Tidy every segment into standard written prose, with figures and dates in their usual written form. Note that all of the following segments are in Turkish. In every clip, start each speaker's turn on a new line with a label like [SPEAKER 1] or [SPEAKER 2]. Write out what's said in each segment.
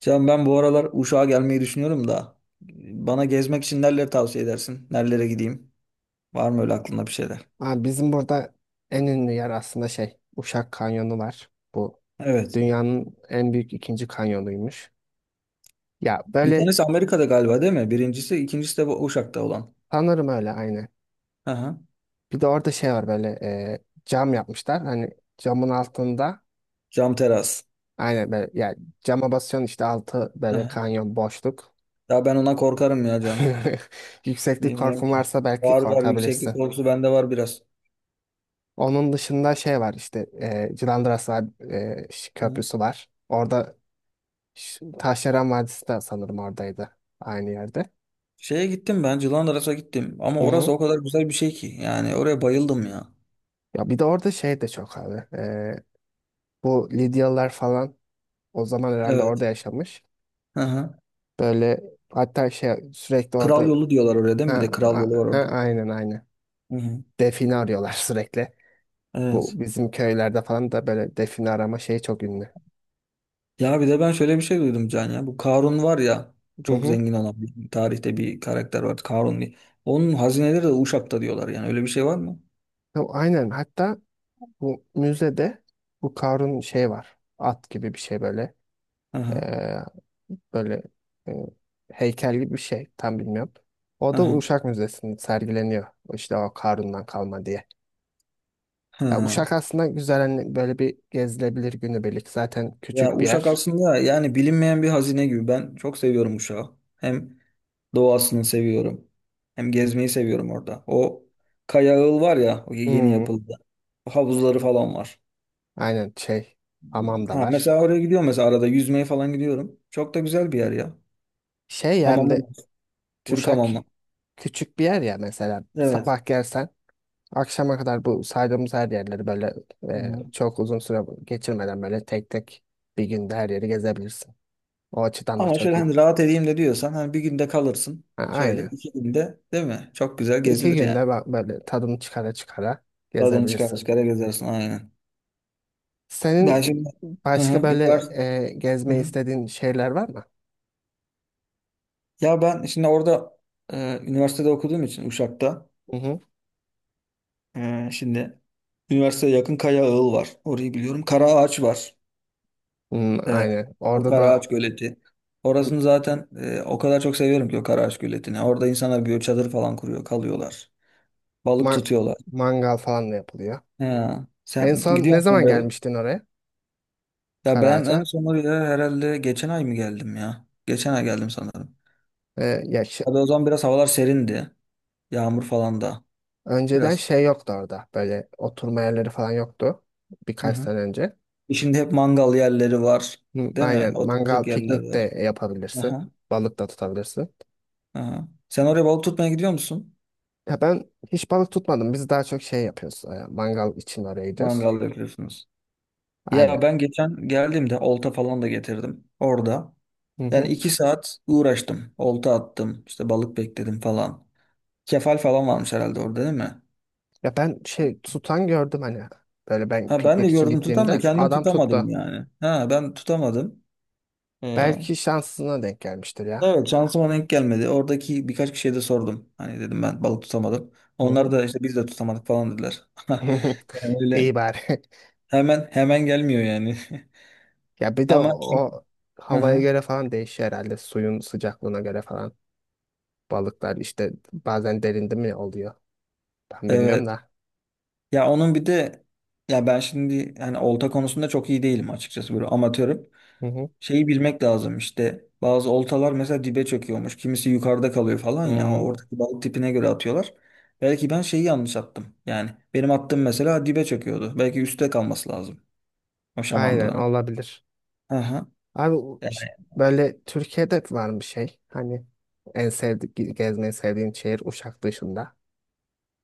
[SPEAKER 1] Can ben bu aralar Uşak'a gelmeyi düşünüyorum da bana gezmek için nereleri tavsiye edersin? Nerelere gideyim? Var mı öyle aklında bir şeyler?
[SPEAKER 2] Abi bizim burada en ünlü yer aslında şey Uşak Kanyonu var. Bu
[SPEAKER 1] Evet.
[SPEAKER 2] dünyanın en büyük ikinci kanyonuymuş. Ya
[SPEAKER 1] Bir
[SPEAKER 2] böyle
[SPEAKER 1] tanesi Amerika'da galiba değil mi? Birincisi, ikincisi de bu Uşak'ta olan.
[SPEAKER 2] sanırım öyle aynı.
[SPEAKER 1] Aha.
[SPEAKER 2] Bir de orada şey var böyle cam yapmışlar. Hani camın altında
[SPEAKER 1] Cam teras.
[SPEAKER 2] aynen böyle yani cama basıyorsun işte altı böyle
[SPEAKER 1] Aha.
[SPEAKER 2] kanyon boşluk.
[SPEAKER 1] Ya ben ona korkarım ya Can.
[SPEAKER 2] Yükseklik
[SPEAKER 1] Bilmiyorum
[SPEAKER 2] korkun
[SPEAKER 1] ki.
[SPEAKER 2] varsa belki
[SPEAKER 1] Var var yükseklik
[SPEAKER 2] korkabilirsin.
[SPEAKER 1] korkusu bende var biraz.
[SPEAKER 2] Onun dışında şey var işte Cilandras var,
[SPEAKER 1] Hı.
[SPEAKER 2] köprüsü var. Orada şu Taşdelen Vadisi de sanırım oradaydı. Aynı yerde.
[SPEAKER 1] Şeye gittim ben Cilandras'a gittim ama
[SPEAKER 2] Hı
[SPEAKER 1] orası
[SPEAKER 2] hı.
[SPEAKER 1] o kadar güzel bir şey ki yani oraya bayıldım ya.
[SPEAKER 2] Ya bir de orada şey de çok abi. Bu Lidyalılar falan o zaman herhalde orada
[SPEAKER 1] Evet.
[SPEAKER 2] yaşamış.
[SPEAKER 1] Aha.
[SPEAKER 2] Böyle hatta şey sürekli
[SPEAKER 1] Kral
[SPEAKER 2] orada
[SPEAKER 1] yolu diyorlar oraya değil
[SPEAKER 2] ha,
[SPEAKER 1] mi? Bir de kral
[SPEAKER 2] a-
[SPEAKER 1] yolu var
[SPEAKER 2] ha,
[SPEAKER 1] orada.
[SPEAKER 2] aynen aynen.
[SPEAKER 1] Hı hı.
[SPEAKER 2] Define arıyorlar sürekli.
[SPEAKER 1] Evet.
[SPEAKER 2] Bu bizim köylerde falan da böyle define arama şeyi çok ünlü.
[SPEAKER 1] Ya bir de ben şöyle bir şey duydum Can ya. Bu Karun var ya
[SPEAKER 2] Hı
[SPEAKER 1] çok
[SPEAKER 2] hı.
[SPEAKER 1] zengin olan bir tarihte bir karakter var. Karun bir. Onun hazineleri de Uşak'ta diyorlar yani. Öyle bir şey var mı?
[SPEAKER 2] Ya aynen hatta bu müzede bu Karun şey var. At gibi bir şey böyle.
[SPEAKER 1] Aha,
[SPEAKER 2] Böyle e, heykel gibi bir şey. Tam bilmiyorum. O da
[SPEAKER 1] aha,
[SPEAKER 2] Uşak Müzesi'nde sergileniyor. İşte o Karun'dan kalma diye. Ya
[SPEAKER 1] ha.
[SPEAKER 2] Uşak aslında güzel hani böyle bir gezilebilir günübirlik. Zaten
[SPEAKER 1] Ya
[SPEAKER 2] küçük bir
[SPEAKER 1] Uşak
[SPEAKER 2] yer.
[SPEAKER 1] aslında yani bilinmeyen bir hazine gibi. Ben çok seviyorum Uşak'ı. Hem doğasını seviyorum. Hem gezmeyi seviyorum orada. O Kaya Ağıl var ya o yeni
[SPEAKER 2] Hmm,
[SPEAKER 1] yapıldı. Havuzları falan var.
[SPEAKER 2] aynen şey hamam da
[SPEAKER 1] Ha,
[SPEAKER 2] var.
[SPEAKER 1] mesela oraya gidiyorum mesela arada yüzmeye falan gidiyorum. Çok da güzel bir yer ya.
[SPEAKER 2] Şey yani
[SPEAKER 1] Hamamı
[SPEAKER 2] de
[SPEAKER 1] var. Türk
[SPEAKER 2] Uşak
[SPEAKER 1] hamamı.
[SPEAKER 2] küçük bir yer ya mesela
[SPEAKER 1] Evet.
[SPEAKER 2] sabah gelsen akşama kadar bu saydığımız her yerleri böyle
[SPEAKER 1] Hı hı.
[SPEAKER 2] çok uzun süre geçirmeden böyle tek tek bir günde her yeri gezebilirsin. O açıdan da
[SPEAKER 1] Ama
[SPEAKER 2] çok
[SPEAKER 1] şöyle
[SPEAKER 2] iyi.
[SPEAKER 1] hani rahat edeyim de diyorsan hani bir günde kalırsın.
[SPEAKER 2] Ha,
[SPEAKER 1] Şöyle
[SPEAKER 2] aynen.
[SPEAKER 1] 2 günde değil mi? Çok güzel
[SPEAKER 2] İki
[SPEAKER 1] gezilir yani.
[SPEAKER 2] günde bak böyle tadını çıkara çıkara
[SPEAKER 1] Oradan çıkar
[SPEAKER 2] gezebilirsin.
[SPEAKER 1] çıkara gezersin aynen. Ben
[SPEAKER 2] Senin
[SPEAKER 1] şimdi hı hı,
[SPEAKER 2] başka böyle
[SPEAKER 1] hı
[SPEAKER 2] gezmeyi
[SPEAKER 1] hı.
[SPEAKER 2] istediğin şeyler var mı?
[SPEAKER 1] Ya ben şimdi orada üniversitede okuduğum için Uşak'ta
[SPEAKER 2] Hı hı.
[SPEAKER 1] şimdi üniversiteye yakın Kaya Ağıl var. Orayı biliyorum. Karaağaç var.
[SPEAKER 2] Hmm,
[SPEAKER 1] E,
[SPEAKER 2] aynen.
[SPEAKER 1] O
[SPEAKER 2] Orada da
[SPEAKER 1] Karaağaç Göleti. Orasını zaten o kadar çok seviyorum ki o Karaağaç Göleti'ni. Orada insanlar bir çadır falan kuruyor, kalıyorlar. Balık
[SPEAKER 2] ma-
[SPEAKER 1] tutuyorlar.
[SPEAKER 2] mangal falan da yapılıyor.
[SPEAKER 1] Ha,
[SPEAKER 2] En
[SPEAKER 1] sen
[SPEAKER 2] son
[SPEAKER 1] gidiyor
[SPEAKER 2] ne
[SPEAKER 1] musun
[SPEAKER 2] zaman
[SPEAKER 1] böyle?
[SPEAKER 2] gelmiştin oraya?
[SPEAKER 1] Ya ben en
[SPEAKER 2] Karaağaç'a.
[SPEAKER 1] son oraya herhalde geçen ay mı geldim ya? Geçen ay geldim sanırım.
[SPEAKER 2] Ya
[SPEAKER 1] Hadi o zaman biraz havalar serindi. Yağmur falan da.
[SPEAKER 2] önceden
[SPEAKER 1] Biraz.
[SPEAKER 2] şey yoktu orada. Böyle oturma yerleri falan yoktu.
[SPEAKER 1] Hı
[SPEAKER 2] Birkaç
[SPEAKER 1] hı.
[SPEAKER 2] sene önce.
[SPEAKER 1] Şimdi hep mangal yerleri var.
[SPEAKER 2] Hı,
[SPEAKER 1] Değil mi?
[SPEAKER 2] aynen.
[SPEAKER 1] Oturacak
[SPEAKER 2] Mangal,
[SPEAKER 1] yerler
[SPEAKER 2] piknik de
[SPEAKER 1] var.
[SPEAKER 2] yapabilirsin.
[SPEAKER 1] Aha,
[SPEAKER 2] Balık da tutabilirsin.
[SPEAKER 1] aha. Sen oraya balık tutmaya gidiyor musun?
[SPEAKER 2] Ya ben hiç balık tutmadım. Biz daha çok şey yapıyoruz. Mangal için oraya gidiyoruz.
[SPEAKER 1] Mangal yapıyorsunuz. Ya
[SPEAKER 2] Aynen.
[SPEAKER 1] ben geçen geldiğimde olta falan da getirdim. Orada.
[SPEAKER 2] Hı
[SPEAKER 1] Yani
[SPEAKER 2] hı.
[SPEAKER 1] 2 saat uğraştım. Olta attım, işte balık bekledim falan. Kefal falan varmış herhalde orada değil mi?
[SPEAKER 2] Ya ben şey tutan gördüm hani. Böyle ben
[SPEAKER 1] Ha ben de
[SPEAKER 2] piknik için
[SPEAKER 1] gördüm tutan da
[SPEAKER 2] gittiğimde
[SPEAKER 1] kendim
[SPEAKER 2] adam
[SPEAKER 1] tutamadım
[SPEAKER 2] tuttu.
[SPEAKER 1] yani. Ha ben tutamadım. Ee,
[SPEAKER 2] Belki şansına denk gelmiştir ya.
[SPEAKER 1] evet şansıma denk gelmedi. Oradaki birkaç kişiye de sordum. Hani dedim ben balık tutamadım.
[SPEAKER 2] Hı hı.
[SPEAKER 1] Onlar da işte biz de tutamadık falan dediler. Yani
[SPEAKER 2] İyi
[SPEAKER 1] öyle
[SPEAKER 2] bari.
[SPEAKER 1] hemen hemen gelmiyor yani.
[SPEAKER 2] Ya bir de o,
[SPEAKER 1] Ama kim?
[SPEAKER 2] o
[SPEAKER 1] Hı
[SPEAKER 2] havaya
[SPEAKER 1] hı.
[SPEAKER 2] göre falan değişiyor herhalde. Suyun sıcaklığına göre falan. Balıklar işte bazen derinde mi oluyor? Ben bilmiyorum
[SPEAKER 1] Evet.
[SPEAKER 2] da.
[SPEAKER 1] Ya onun bir de ya ben şimdi hani olta konusunda çok iyi değilim açıkçası böyle amatörüm.
[SPEAKER 2] Hı hı.
[SPEAKER 1] Şeyi bilmek lazım işte bazı oltalar mesela dibe çöküyormuş kimisi yukarıda kalıyor falan ya
[SPEAKER 2] Hmm,
[SPEAKER 1] oradaki balık tipine göre atıyorlar. Belki ben şeyi yanlış attım yani benim attığım mesela dibe çöküyordu belki üstte kalması lazım o
[SPEAKER 2] aynen
[SPEAKER 1] şamandıranın.
[SPEAKER 2] olabilir.
[SPEAKER 1] Hı hı.
[SPEAKER 2] Abi o
[SPEAKER 1] E,
[SPEAKER 2] böyle Türkiye'de var bir şey. Hani en sevdik gezmeyi sevdiğin şehir Uşak dışında.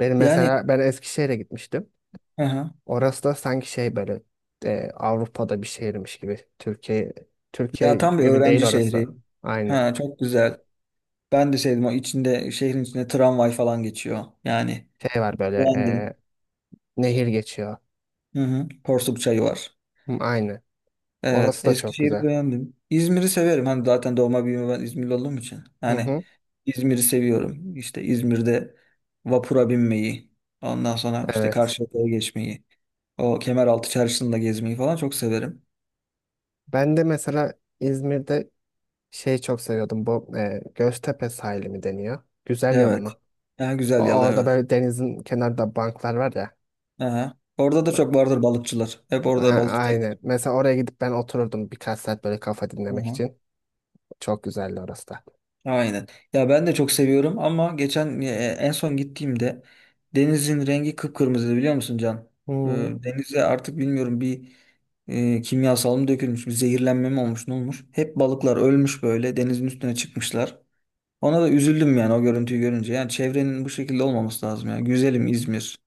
[SPEAKER 2] Benim
[SPEAKER 1] Yani
[SPEAKER 2] mesela ben Eskişehir'e gitmiştim.
[SPEAKER 1] hı hı.
[SPEAKER 2] Orası da sanki şey böyle Avrupa'da bir şehirmiş gibi. Türkiye
[SPEAKER 1] Ya tam bir
[SPEAKER 2] gibi değil
[SPEAKER 1] öğrenci
[SPEAKER 2] orası.
[SPEAKER 1] şehri.
[SPEAKER 2] Aynı.
[SPEAKER 1] Ha çok güzel. Ben de sevdim o içinde şehrin içinde tramvay falan geçiyor. Yani
[SPEAKER 2] Şey var böyle
[SPEAKER 1] beğendim.
[SPEAKER 2] nehir geçiyor.
[SPEAKER 1] Hı hı. Porsuk çayı var.
[SPEAKER 2] Hı, aynı.
[SPEAKER 1] Evet,
[SPEAKER 2] Orası da çok
[SPEAKER 1] Eskişehir'i
[SPEAKER 2] güzel.
[SPEAKER 1] beğendim. İzmir'i severim. Hani zaten doğma büyüme ben İzmirli olduğum için.
[SPEAKER 2] Hı
[SPEAKER 1] Hani
[SPEAKER 2] hı.
[SPEAKER 1] İzmir'i seviyorum. İşte İzmir'de vapura binmeyi, ondan sonra işte
[SPEAKER 2] Evet.
[SPEAKER 1] Karşıyaka'ya geçmeyi, o Kemeraltı Çarşısı'nda gezmeyi falan çok severim.
[SPEAKER 2] Ben de mesela İzmir'de şey çok seviyordum. Bu Göztepe sahili mi deniyor? Güzel Yalı
[SPEAKER 1] Evet.
[SPEAKER 2] mı?
[SPEAKER 1] Ha, Güzel Yalı
[SPEAKER 2] Orada
[SPEAKER 1] evet.
[SPEAKER 2] böyle denizin kenarında banklar var ya.
[SPEAKER 1] Aha. Orada da çok vardır balıkçılar. Hep orada
[SPEAKER 2] Ha,
[SPEAKER 1] balık tutarlar.
[SPEAKER 2] aynen. Mesela oraya gidip ben otururdum birkaç saat böyle kafa dinlemek için. Çok güzeldi orası da.
[SPEAKER 1] Aynen. Ya ben de çok seviyorum ama geçen en son gittiğimde denizin rengi kıpkırmızıydı biliyor musun Can? E,
[SPEAKER 2] Hmm.
[SPEAKER 1] Denize artık bilmiyorum bir kimyasal mı dökülmüş, bir zehirlenme mi olmuş, ne olmuş? Hep balıklar ölmüş böyle denizin üstüne çıkmışlar. Ona da üzüldüm yani o görüntüyü görünce. Yani çevrenin bu şekilde olmaması lazım ya. Güzelim İzmir.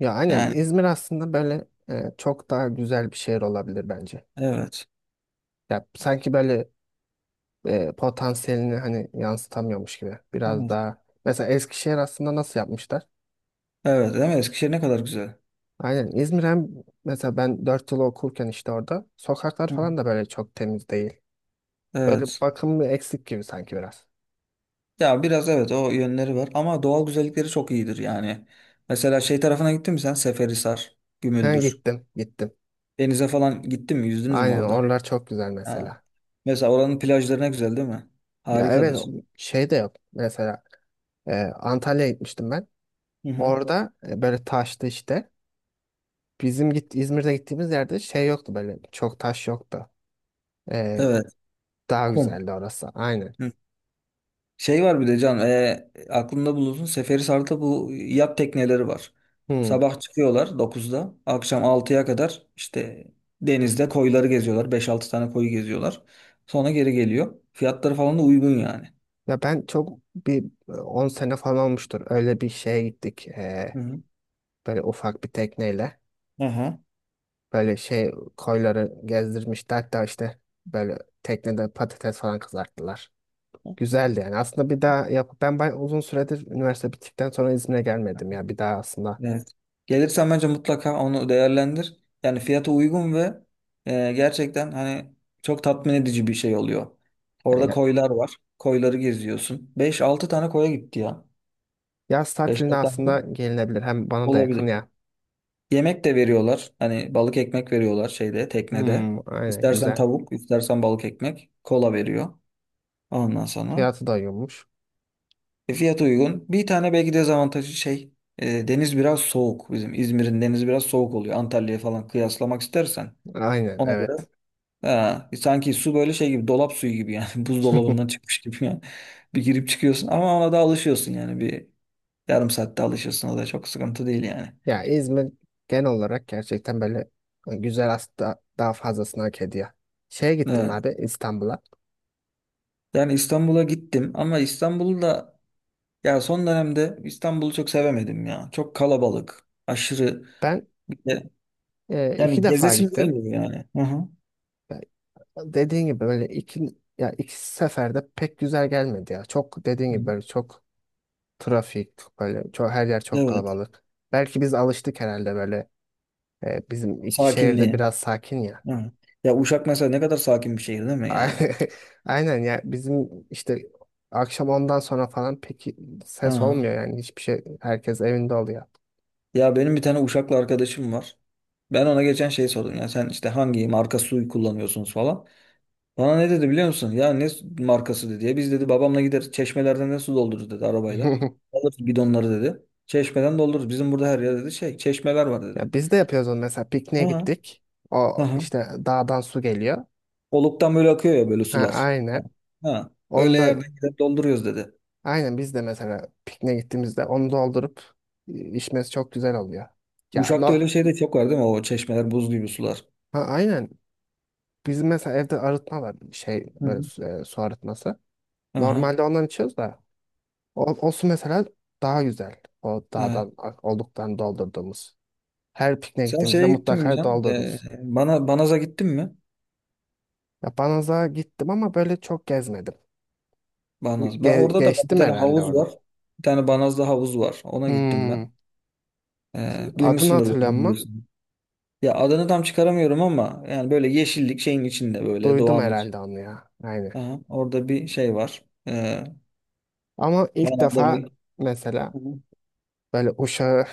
[SPEAKER 2] Ya aynen
[SPEAKER 1] Yani
[SPEAKER 2] İzmir aslında böyle çok daha güzel bir şehir olabilir bence.
[SPEAKER 1] evet.
[SPEAKER 2] Ya sanki böyle potansiyelini hani yansıtamıyormuş gibi. Biraz
[SPEAKER 1] Evet.
[SPEAKER 2] daha mesela Eskişehir aslında nasıl yapmışlar?
[SPEAKER 1] Evet, değil mi? Eskişehir ne kadar güzel.
[SPEAKER 2] Aynen İzmir hem mesela ben 4 yıl okurken işte orada sokaklar
[SPEAKER 1] Hı.
[SPEAKER 2] falan da böyle çok temiz değil. Böyle
[SPEAKER 1] Evet.
[SPEAKER 2] bakımı eksik gibi sanki biraz.
[SPEAKER 1] Ya biraz evet o yönleri var ama doğal güzellikleri çok iyidir yani. Mesela şey tarafına gittin mi sen? Seferihisar,
[SPEAKER 2] He
[SPEAKER 1] Gümüldür.
[SPEAKER 2] gittim gittim.
[SPEAKER 1] Denize falan gittin mi? Yüzdünüz mü
[SPEAKER 2] Aynen
[SPEAKER 1] orada?
[SPEAKER 2] oralar çok güzel
[SPEAKER 1] Ha.
[SPEAKER 2] mesela.
[SPEAKER 1] Mesela oranın plajları ne güzel değil mi?
[SPEAKER 2] Ya evet
[SPEAKER 1] Harikadır.
[SPEAKER 2] şey de yok mesela Antalya'ya gitmiştim ben.
[SPEAKER 1] Hı hı.
[SPEAKER 2] Orada böyle taştı işte. Bizim İzmir'de gittiğimiz yerde şey yoktu böyle çok taş yoktu. E,
[SPEAKER 1] Evet.
[SPEAKER 2] daha
[SPEAKER 1] Kum.
[SPEAKER 2] güzeldi orası aynen.
[SPEAKER 1] Hı. Şey var bir de Can. Aklında bulunsun. Seferihisar'da bu yat tekneleri var.
[SPEAKER 2] Hmm.
[SPEAKER 1] Sabah çıkıyorlar 9'da, akşam 6'ya kadar işte denizde koyları geziyorlar. 5-6 tane koyu geziyorlar. Sonra geri geliyor. Fiyatları falan da uygun yani.
[SPEAKER 2] Ya ben çok bir 10 sene falan olmuştur öyle bir şeye gittik.
[SPEAKER 1] Hı hı.
[SPEAKER 2] Böyle ufak bir tekneyle.
[SPEAKER 1] Aha.
[SPEAKER 2] Böyle şey koyları gezdirmişti. Hatta işte böyle teknede patates falan kızarttılar. Güzeldi yani. Aslında bir daha yap ben bay uzun süredir üniversite bittikten sonra İzmir'e gelmedim ya. Bir daha aslında
[SPEAKER 1] Evet. Gelirsen bence mutlaka onu değerlendir. Yani fiyata uygun ve gerçekten hani çok tatmin edici bir şey oluyor.
[SPEAKER 2] ya,
[SPEAKER 1] Orada
[SPEAKER 2] ya-
[SPEAKER 1] koylar var. Koyları geziyorsun. 5-6 tane koya gitti ya.
[SPEAKER 2] yaz
[SPEAKER 1] beş
[SPEAKER 2] tatilinde
[SPEAKER 1] altı tane koy
[SPEAKER 2] aslında gelinebilir. Hem bana da yakın
[SPEAKER 1] olabilir.
[SPEAKER 2] ya.
[SPEAKER 1] Yemek de veriyorlar. Hani balık ekmek veriyorlar şeyde, teknede.
[SPEAKER 2] Hmm, aynen
[SPEAKER 1] İstersen
[SPEAKER 2] güzel.
[SPEAKER 1] tavuk, istersen balık ekmek. Kola veriyor. Ondan sonra.
[SPEAKER 2] Fiyatı da uygunmuş.
[SPEAKER 1] Fiyatı uygun. Bir tane belki dezavantajı şey deniz biraz soğuk. Bizim İzmir'in denizi biraz soğuk oluyor. Antalya'ya falan kıyaslamak istersen.
[SPEAKER 2] Aynen
[SPEAKER 1] Ona göre
[SPEAKER 2] evet.
[SPEAKER 1] ha, sanki su böyle şey gibi dolap suyu gibi yani buzdolabından çıkmış gibi yani. Bir girip çıkıyorsun ama ona da alışıyorsun yani bir yarım saatte alışıyorsun o da çok sıkıntı değil yani.
[SPEAKER 2] Ya İzmir genel olarak gerçekten böyle güzel aslında daha fazlasını hak ediyor. Şeye gittim
[SPEAKER 1] Evet.
[SPEAKER 2] abi İstanbul'a.
[SPEAKER 1] Yani İstanbul'a gittim ama İstanbul'u da ya son dönemde İstanbul'u çok sevemedim ya. Çok kalabalık, aşırı
[SPEAKER 2] Ben iki
[SPEAKER 1] yani
[SPEAKER 2] defa
[SPEAKER 1] gezesim
[SPEAKER 2] gittim.
[SPEAKER 1] gelmiyor yani. Hı hı.
[SPEAKER 2] Yani dediğin gibi böyle iki ya iki seferde pek güzel gelmedi ya. Çok dediğin gibi böyle çok trafik böyle çok her yer çok
[SPEAKER 1] Evet.
[SPEAKER 2] kalabalık. Belki biz alıştık herhalde böyle bizim iki şehirde
[SPEAKER 1] Sakinliği.
[SPEAKER 2] biraz sakin ya.
[SPEAKER 1] Hı. Ya Uşak mesela ne kadar sakin bir şehir değil mi
[SPEAKER 2] Ay-
[SPEAKER 1] yani?
[SPEAKER 2] Aynen ya bizim işte akşam ondan sonra falan pek ses
[SPEAKER 1] Aha.
[SPEAKER 2] olmuyor yani hiçbir şey herkes evinde oluyor.
[SPEAKER 1] Ya benim bir tane Uşaklı arkadaşım var. Ben ona geçen şey sordum ya sen işte hangi marka suyu kullanıyorsunuz falan. Bana ne dedi biliyor musun? Ya ne markası dedi ya biz dedi babamla gider çeşmelerden ne su doldururuz dedi arabayla. Alırız bidonları dedi. Çeşmeden doldururuz. Bizim burada her yerde dedi şey çeşmeler var dedi.
[SPEAKER 2] Ya biz de yapıyoruz onu mesela pikniğe
[SPEAKER 1] Hı. Aha.
[SPEAKER 2] gittik. O
[SPEAKER 1] Hı.
[SPEAKER 2] işte dağdan su geliyor.
[SPEAKER 1] Oluktan böyle akıyor ya böyle
[SPEAKER 2] Ha
[SPEAKER 1] sular. Ha.
[SPEAKER 2] aynen.
[SPEAKER 1] Hı. Öyle
[SPEAKER 2] Onda
[SPEAKER 1] yerden gider dolduruyoruz dedi.
[SPEAKER 2] Aynen biz de mesela pikniğe gittiğimizde onu doldurup içmesi çok güzel oluyor. Ya
[SPEAKER 1] Uşak'ta
[SPEAKER 2] no,
[SPEAKER 1] öyle şey de çok var değil mi? O çeşmeler buz gibi sular.
[SPEAKER 2] Ha, aynen. Bizim mesela evde arıtma var şey böyle su, su arıtması.
[SPEAKER 1] Aha,
[SPEAKER 2] Normalde ondan içiyoruz da o, o, su mesela daha güzel. O
[SPEAKER 1] evet.
[SPEAKER 2] dağdan olduktan doldurduğumuz. Her pikniğe
[SPEAKER 1] Sen
[SPEAKER 2] gittiğimizde
[SPEAKER 1] şeye gittin mi
[SPEAKER 2] mutlaka
[SPEAKER 1] Can?
[SPEAKER 2] doldururuz.
[SPEAKER 1] Bana Banaz'a gittin mi?
[SPEAKER 2] Ya Banaz'a gittim ama böyle çok gezmedim.
[SPEAKER 1] Banaz. Ben orada da bir
[SPEAKER 2] Geçtim
[SPEAKER 1] tane
[SPEAKER 2] herhalde
[SPEAKER 1] havuz
[SPEAKER 2] orada.
[SPEAKER 1] var. Bir tane Banaz'da havuz var. Ona gittim ben.
[SPEAKER 2] Hmm. Adını
[SPEAKER 1] Duymuşsundur belki
[SPEAKER 2] hatırlıyorum ama
[SPEAKER 1] biliyorsun. Ya adını tam çıkaramıyorum ama yani böyle yeşillik şeyin içinde böyle
[SPEAKER 2] duydum
[SPEAKER 1] doğanın
[SPEAKER 2] herhalde
[SPEAKER 1] içinde.
[SPEAKER 2] onu ya. Aynen.
[SPEAKER 1] Aha, orada bir şey var.
[SPEAKER 2] Ama ilk
[SPEAKER 1] Banaz'da
[SPEAKER 2] defa
[SPEAKER 1] bir...
[SPEAKER 2] mesela
[SPEAKER 1] Hı hı.
[SPEAKER 2] böyle uşağı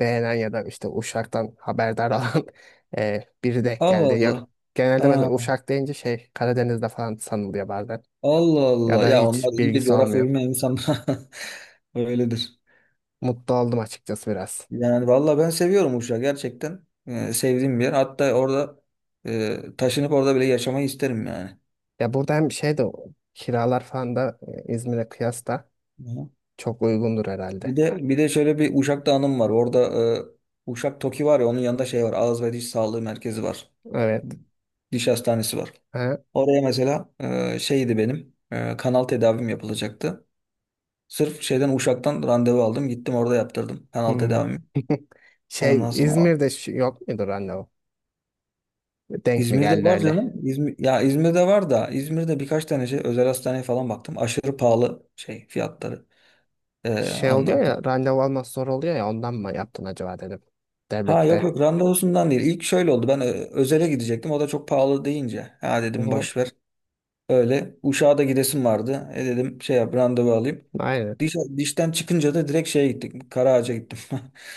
[SPEAKER 2] beğenen ya da işte uşaktan haberdar olan biri denk
[SPEAKER 1] Allah
[SPEAKER 2] geldi. Ya,
[SPEAKER 1] Allah.
[SPEAKER 2] genelde
[SPEAKER 1] Ha,
[SPEAKER 2] mesela uşak deyince şey Karadeniz'de falan sanılıyor bazen.
[SPEAKER 1] Allah
[SPEAKER 2] Ya
[SPEAKER 1] Allah.
[SPEAKER 2] da
[SPEAKER 1] Ya onlar
[SPEAKER 2] hiç
[SPEAKER 1] iyidir
[SPEAKER 2] bilgisi
[SPEAKER 1] coğrafya
[SPEAKER 2] olmuyor.
[SPEAKER 1] bilmeyen insanlar. Öyledir.
[SPEAKER 2] Mutlu oldum açıkçası biraz.
[SPEAKER 1] Yani valla ben seviyorum Uşak gerçekten. Sevdiğim bir yer. Hatta orada taşınıp orada bile yaşamayı isterim yani.
[SPEAKER 2] Ya burada hem şey de kiralar falan da İzmir'e kıyasla
[SPEAKER 1] Hı.
[SPEAKER 2] çok uygundur
[SPEAKER 1] Bir
[SPEAKER 2] herhalde.
[SPEAKER 1] de bir de şöyle bir Uşak'ta anım var. Orada Uşak Toki var ya onun yanında şey var. Ağız ve Diş Sağlığı Merkezi var.
[SPEAKER 2] Evet.
[SPEAKER 1] Diş hastanesi var.
[SPEAKER 2] Ha?
[SPEAKER 1] Oraya mesela şeydi benim kanal tedavim yapılacaktı. Sırf şeyden Uşak'tan randevu aldım. Gittim orada yaptırdım kanal
[SPEAKER 2] Hmm.
[SPEAKER 1] tedavimi.
[SPEAKER 2] Şey
[SPEAKER 1] Ondan sonra
[SPEAKER 2] İzmir'de yok mudur anne o? Denk mi
[SPEAKER 1] İzmir'de
[SPEAKER 2] geldi?
[SPEAKER 1] var canım. İzmir, ya İzmir'de var da İzmir'de birkaç tane şey özel hastaneye falan baktım. Aşırı pahalı şey fiyatları.
[SPEAKER 2] Şey
[SPEAKER 1] Ondan
[SPEAKER 2] oluyor
[SPEAKER 1] sonra.
[SPEAKER 2] ya randevu almak zor oluyor ya ondan mı yaptın acaba dedim.
[SPEAKER 1] Ha yok
[SPEAKER 2] Devlette.
[SPEAKER 1] yok randevusundan değil. İlk şöyle oldu. Ben özele gidecektim. O da çok pahalı deyince. Ha
[SPEAKER 2] Hı
[SPEAKER 1] dedim
[SPEAKER 2] hı.
[SPEAKER 1] boş ver. Öyle. Uşak'a da gidesim vardı. Dedim şey yap randevu alayım.
[SPEAKER 2] Aynen.
[SPEAKER 1] Dişten çıkınca da direkt şeye gittik. Karaağaç'a gittim.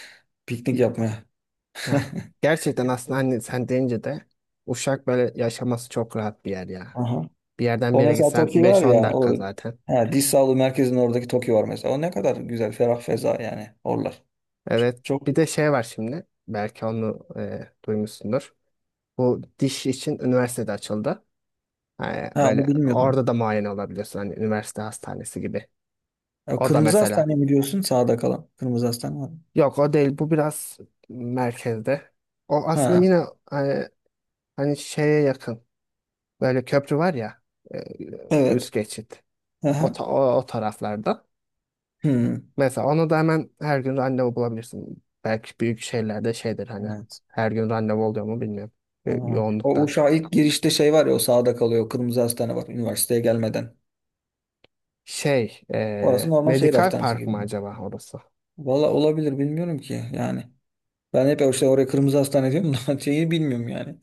[SPEAKER 1] Piknik yapmaya.
[SPEAKER 2] Ya gerçekten aslında hani sen deyince de Uşak böyle yaşaması çok rahat bir yer ya.
[SPEAKER 1] Aha.
[SPEAKER 2] Bir yerden bir
[SPEAKER 1] O
[SPEAKER 2] yere
[SPEAKER 1] mesela
[SPEAKER 2] gitsen
[SPEAKER 1] Toki var
[SPEAKER 2] beş on
[SPEAKER 1] ya o
[SPEAKER 2] dakika zaten.
[SPEAKER 1] he, diş sağlığı merkezinin oradaki Toki var mesela. O ne kadar güzel ferah feza yani oralar.
[SPEAKER 2] Evet.
[SPEAKER 1] Çok,
[SPEAKER 2] Bir de şey var şimdi. Belki onu duymuşsundur. Bu diş için üniversitede açıldı. Ha,
[SPEAKER 1] ha onu
[SPEAKER 2] böyle
[SPEAKER 1] bilmiyordum.
[SPEAKER 2] orada da muayene olabiliyorsun. Hani üniversite hastanesi gibi.
[SPEAKER 1] Ya,
[SPEAKER 2] O da
[SPEAKER 1] Kırmızı
[SPEAKER 2] mesela.
[SPEAKER 1] Hastane mi diyorsun sağda kalan? Kırmızı Hastane var mı?
[SPEAKER 2] Yok o değil. Bu biraz merkezde. O aslında
[SPEAKER 1] Ha
[SPEAKER 2] yine e, hani şeye yakın. Böyle köprü var ya. e, Üst
[SPEAKER 1] evet.
[SPEAKER 2] geçit. O,
[SPEAKER 1] Aha.
[SPEAKER 2] ta- o, o taraflarda.
[SPEAKER 1] Hmm.
[SPEAKER 2] Mesela onu da hemen her gün randevu bulabilirsin. Belki büyük şehirlerde şeydir hani.
[SPEAKER 1] Evet.
[SPEAKER 2] Her gün randevu oluyor mu bilmiyorum.
[SPEAKER 1] Ha. O
[SPEAKER 2] Yoğunluktan.
[SPEAKER 1] Uşağa ilk girişte şey var ya o sağda kalıyor. O Kırmızı Hastane var üniversiteye gelmeden.
[SPEAKER 2] Şey.
[SPEAKER 1] Orası normal şehir
[SPEAKER 2] Medikal
[SPEAKER 1] hastanesi
[SPEAKER 2] Park
[SPEAKER 1] gibi.
[SPEAKER 2] mı acaba orası?
[SPEAKER 1] Valla olabilir bilmiyorum ki yani. Ben hep işte oraya Kırmızı Hastane diyorum da şeyi bilmiyorum yani.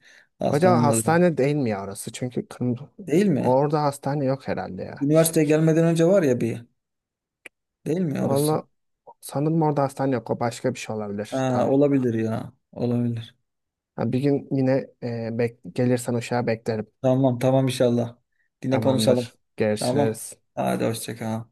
[SPEAKER 2] Acaba
[SPEAKER 1] Hastanenin adı.
[SPEAKER 2] hastane değil mi ya orası? Çünkü kırmızı,
[SPEAKER 1] Değil mi?
[SPEAKER 2] orada hastane yok herhalde ya. Şey,
[SPEAKER 1] Üniversiteye gelmeden önce var ya bir. Değil mi orası?
[SPEAKER 2] valla sanırım orada hastane yok. O başka bir şey olabilir.
[SPEAKER 1] Ha,
[SPEAKER 2] Tam.
[SPEAKER 1] olabilir ya. Olabilir.
[SPEAKER 2] Ha, bir gün yine gelirsen uşağa beklerim.
[SPEAKER 1] Tamam tamam inşallah. Yine konuşalım.
[SPEAKER 2] Tamamdır.
[SPEAKER 1] Tamam.
[SPEAKER 2] Görüşürüz.
[SPEAKER 1] Hadi hoşça kal.